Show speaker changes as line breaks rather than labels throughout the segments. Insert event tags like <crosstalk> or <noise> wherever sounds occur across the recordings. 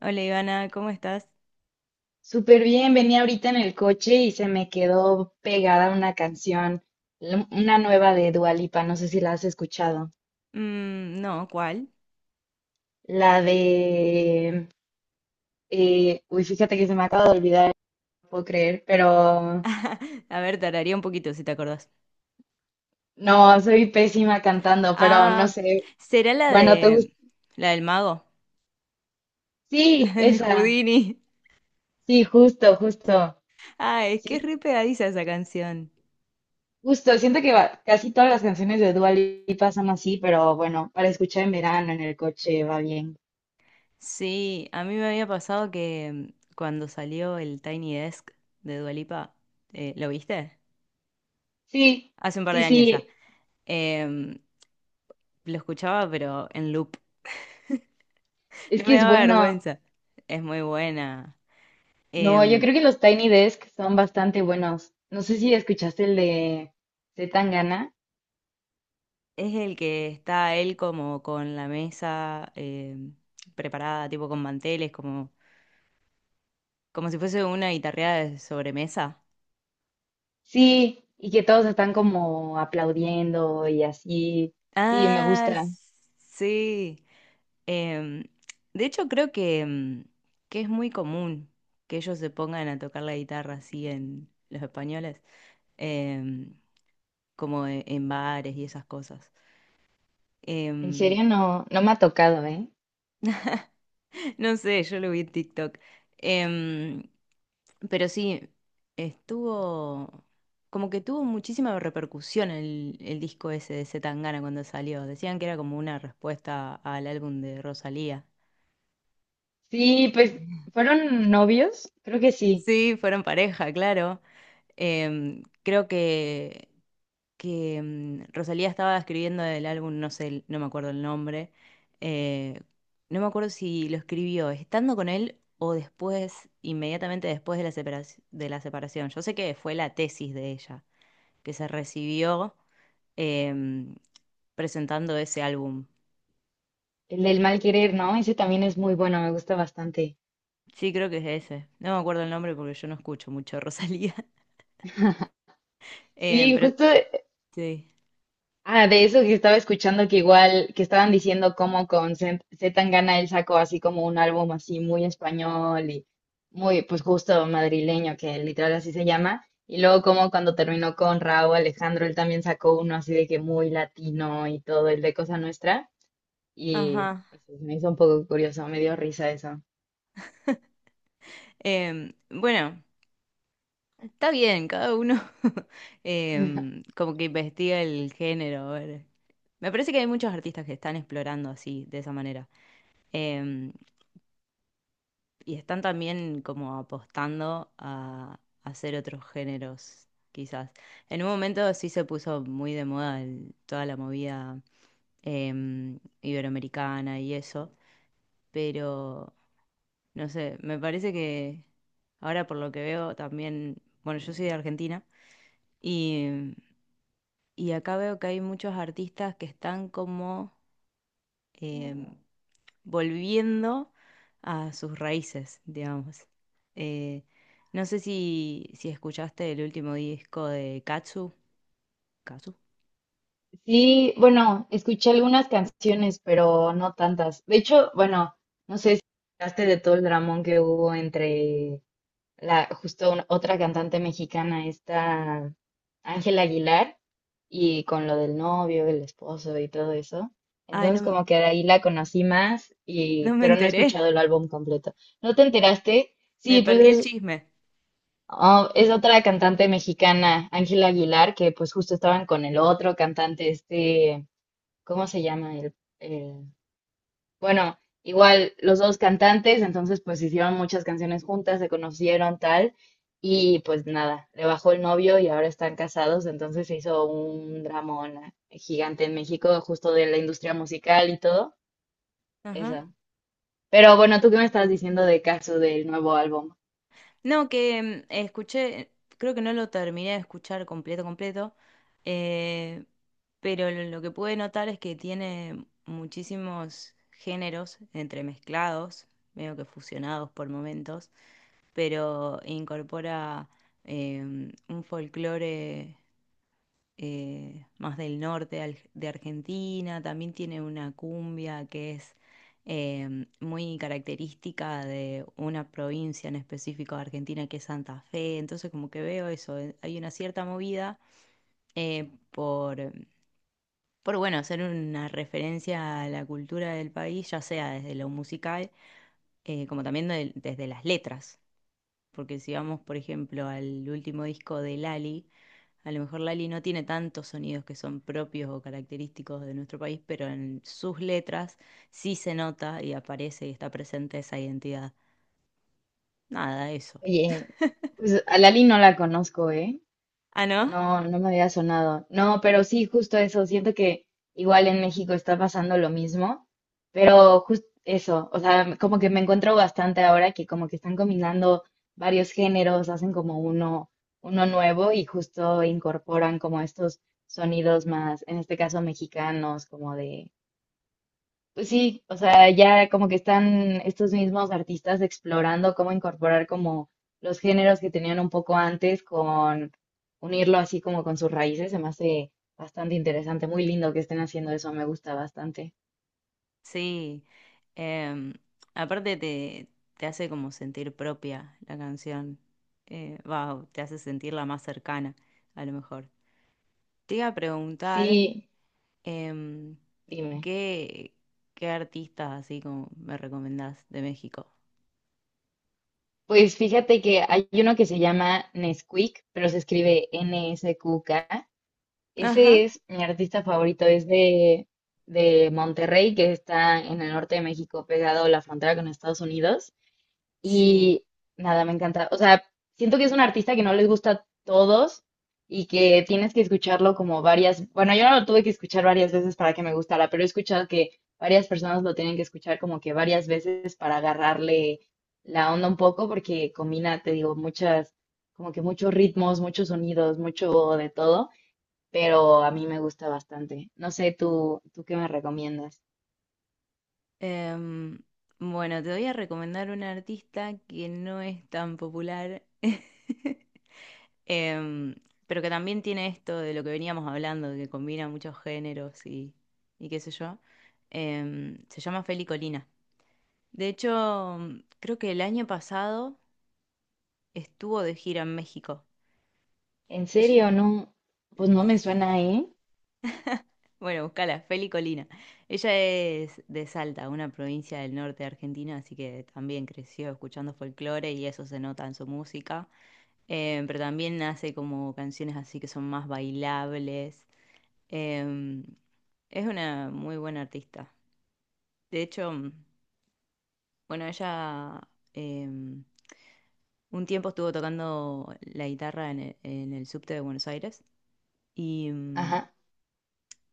Hola Ivana, ¿cómo estás?
Súper bien, venía ahorita en el coche y se me quedó pegada una canción, una nueva de Dua Lipa, no sé si la has escuchado.
Mm, no, ¿cuál?
La de... fíjate que se me acaba de olvidar, no puedo creer, pero
<laughs> A ver, tardaría un poquito si te acordás.
no, soy pésima cantando, pero no
Ah,
sé.
será
Bueno, ¿te gusta?
la del mago, <laughs> la
Sí,
de
esa.
Houdini.
Sí, justo, justo.
Ah, es que
Sí,
es re pegadiza esa canción.
justo. Siento que casi todas las canciones de Dua Lipa son así, pero bueno, para escuchar en verano en el coche va bien.
Sí, a mí me había pasado que cuando salió el Tiny Desk de Dua Lipa, ¿lo viste?
Sí.
Hace un par
Sí,
de años ya.
sí,
Em, lo escuchaba pero en loop. <laughs>
es
No
que
me
es
daba
bueno.
vergüenza. Es muy buena.
No, yo
Em,
creo que los Tiny Desk son bastante buenos. No sé si escuchaste el de C. Tangana.
Es el que está él como con la mesa preparada, tipo con manteles, como si fuese una guitarreada de sobremesa.
Sí, y que todos están como aplaudiendo y así. Sí, me
Ah,
gusta.
sí. Em, de hecho, creo que es muy común que ellos se pongan a tocar la guitarra así en los españoles, em, como en bares y esas cosas.
En
Em,
serio, no, no me ha tocado, ¿eh?
<laughs> No sé, yo lo vi en TikTok. Em, pero sí, estuvo. Como que tuvo muchísima repercusión el disco ese de C. Tangana cuando salió. Decían que era como una respuesta al álbum de Rosalía.
Sí, pues, ¿fueron novios? Creo que sí.
Sí, fueron pareja, claro. Creo que, Rosalía estaba escribiendo el álbum, no sé, no me acuerdo el nombre, eh, no me acuerdo si lo escribió estando con él o después, inmediatamente después de la separación. Yo sé que fue la tesis de ella, que se recibió em, presentando ese álbum.
El del mal querer, ¿no? Ese también es muy bueno, me gusta bastante.
Sí, creo que es ese. No me acuerdo el nombre porque yo no escucho mucho a Rosalía. <laughs>
Sí,
Pero
justo.
sí.
Ah, de eso que estaba escuchando que igual, que estaban diciendo cómo con Z Z Tangana él sacó así como un álbum así muy español y muy, pues justo madrileño, que literal así se llama. Y luego como cuando terminó con Raúl Alejandro, él también sacó uno así de que muy latino y todo, el de Cosa Nuestra. Y
Ajá.
pues, me hizo un poco curioso, me dio risa eso.
Bueno. Está bien, cada uno <laughs> como que investiga el género. A ver. Me parece que hay muchos artistas que están explorando así, de esa manera. Em, y están también como apostando a hacer otros géneros, quizás. En un momento sí se puso muy de moda toda la movida iberoamericana y eso, pero no sé, me parece que ahora por lo que veo también, bueno, yo soy de Argentina. Y Y acá veo que hay muchos artistas que están como em, volviendo a sus raíces, digamos. Eh, no sé si escuchaste el último disco de Katsu. ¿Katsu?
Sí, bueno, escuché algunas canciones, pero no tantas. De hecho, bueno, no sé si hablaste de todo el dramón que hubo entre la, otra cantante mexicana, esta Ángela Aguilar, y con lo del novio, el esposo y todo eso.
Ay,
Entonces
no,
como que de ahí la conocí más,
no
y,
me
pero no he
enteré.
escuchado el álbum completo. ¿No te enteraste?
<laughs> Me
Sí, pues
perdí el
es,
chisme.
oh, es otra cantante mexicana, Ángela Aguilar, que pues justo estaban con el otro cantante, este, ¿cómo se llama? El, bueno, igual los dos cantantes, entonces pues hicieron muchas canciones juntas, se conocieron tal, y pues nada, le bajó el novio y ahora están casados, entonces se hizo un dramón gigante en México, justo de la industria musical y todo
Ajá.
eso. Pero bueno, ¿tú qué me estás diciendo de caso del nuevo álbum?
No, que escuché, creo que no lo terminé de escuchar completo, completo, eh, pero lo que pude notar es que tiene muchísimos géneros entremezclados, medio que fusionados por momentos, pero incorpora eh, un folclore más del norte de Argentina, también tiene una cumbia que es muy característica de una provincia en específico de Argentina que es Santa Fe, entonces como que veo eso, hay una cierta movida eh, por, por, bueno, hacer una referencia a la cultura del país, ya sea desde lo musical como también desde las letras porque si vamos, por ejemplo, al último disco de Lali, a lo mejor Lali no tiene tantos sonidos que son propios o característicos de nuestro país, pero en sus letras sí se nota y aparece y está presente esa identidad. Nada, eso.
Oye, pues a Lali no la conozco, ¿eh?
Ah, ¿no?
No, no me había sonado. No, pero sí, justo eso. Siento que igual en México está pasando lo mismo, pero justo eso. O sea, como que me encuentro bastante ahora que como que están combinando varios géneros, hacen como uno, uno nuevo y justo incorporan como estos sonidos más, en este caso mexicanos, como de pues sí, o sea, ya como que están estos mismos artistas explorando cómo incorporar como los géneros que tenían un poco antes con unirlo así como con sus raíces, se me hace bastante interesante, muy lindo que estén haciendo eso, me gusta bastante.
Sí. Em, Aparte te hace como sentir propia la canción. Va, te hace sentirla más cercana, a lo mejor. Te iba a preguntar.
Sí,
em,
dime.
¿Qué, qué artistas así como me recomendás de México?
Pues fíjate que hay uno que se llama Nesquik, pero se escribe NSQK. Ese
Ajá,
es mi artista favorito, de Monterrey, que está en el norte de México, pegado a la frontera con Estados Unidos.
sí.
Y nada, me encanta. O sea, siento que es un artista que no les gusta a todos y que tienes que escucharlo como varias, bueno, yo lo tuve que escuchar varias veces para que me gustara, pero he escuchado que varias personas lo tienen que escuchar como que varias veces para agarrarle la onda un poco porque combina, te digo, muchas, como que muchos ritmos, muchos sonidos, mucho de todo, pero a mí me gusta bastante. No sé, ¿tú qué me recomiendas?
Em, bueno, te voy a recomendar un artista que no es tan popular, <laughs> em, pero que también tiene esto de lo que veníamos hablando, de que combina muchos géneros y qué sé yo. Se llama Feli Colina. De hecho, creo que el año pasado estuvo de gira en México.
En serio, no, pues no me suena, ¿eh?
Bueno, buscala, Feli Colina. Ella es de Salta, una provincia del norte de Argentina, así que también creció escuchando folclore y eso se nota en su música. Pero también hace como canciones así que son más bailables. Eh, es una muy buena artista. De hecho, bueno, ella eh, un tiempo estuvo tocando la guitarra en el subte de Buenos Aires y mm,
Ajá,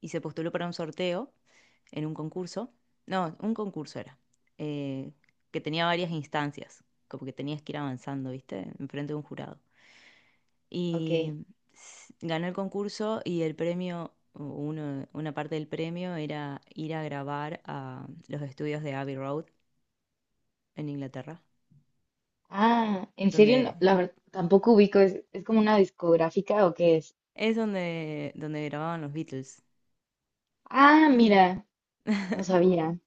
y se postuló para un sorteo en un concurso. No, un concurso era, eh, que tenía varias instancias, como que tenías que ir avanzando, ¿viste? Enfrente de un jurado.
ok.
Y ganó el concurso y el premio, o una parte del premio era ir a grabar a los estudios de Abbey Road en Inglaterra,
Ah, en serio,
donde
no, la verdad, tampoco ubico, ¿es como una discográfica o qué es?
es donde grababan los Beatles.
Ah, mira, no sabía.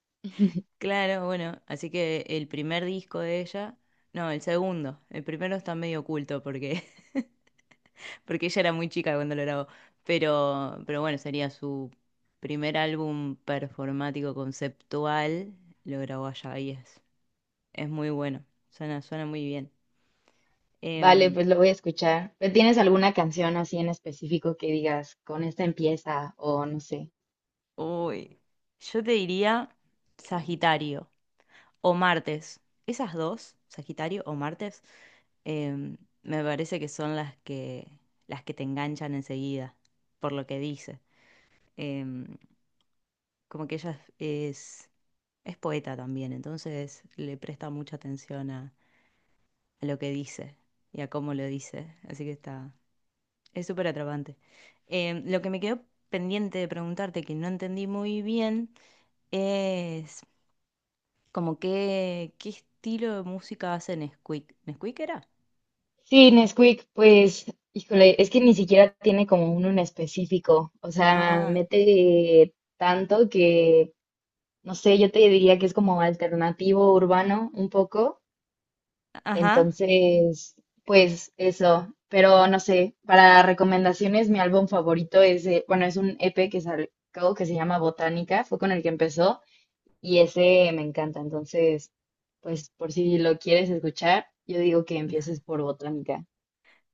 Claro, bueno, así que el primer disco de ella, no, el segundo, el primero está medio oculto porque ella era muy chica cuando lo grabó. Pero bueno, sería su primer álbum performático conceptual. Lo grabó allá y es muy bueno. Suena muy bien.
Vale,
Em,
pues lo voy a escuchar. ¿Tienes alguna canción así en específico que digas, con esta empieza o no sé?
Uy, yo te diría Sagitario o Martes. Esas dos, Sagitario o Martes, em, me parece que son las que te enganchan enseguida, por lo que dice. Em, Como que ella es poeta también, entonces le presta mucha atención a lo que dice y a cómo lo dice, así que es súper atrapante. Lo que me quedó pendiente de preguntarte, que no entendí muy bien, es como qué estilo de música hace Nesquik. ¿Nesquik era?
Sí, Nesquik, pues, híjole, es que ni siquiera tiene como uno en específico. O sea,
Ah,
mete tanto que, no sé, yo te diría que es como alternativo urbano un poco.
ajá.
Entonces, pues eso, pero no sé, para recomendaciones, mi álbum favorito es, bueno, es un EP que sacó que se llama Botánica, fue con el que empezó y ese me encanta, entonces, pues por si lo quieres escuchar, yo digo que
<laughs>
empieces por Botánica.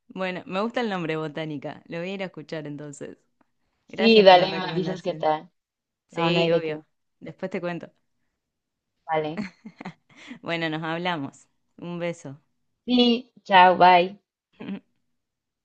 Bueno, me gusta el nombre Botánica, lo voy a ir a escuchar entonces.
Sí,
Gracias por la
dale, me avisas qué
recomendación.
tal. No, no hay
Sí,
de qué.
obvio. Después te cuento.
Vale.
Bueno, nos hablamos. Un beso.
Sí, chao, bye.
<laughs>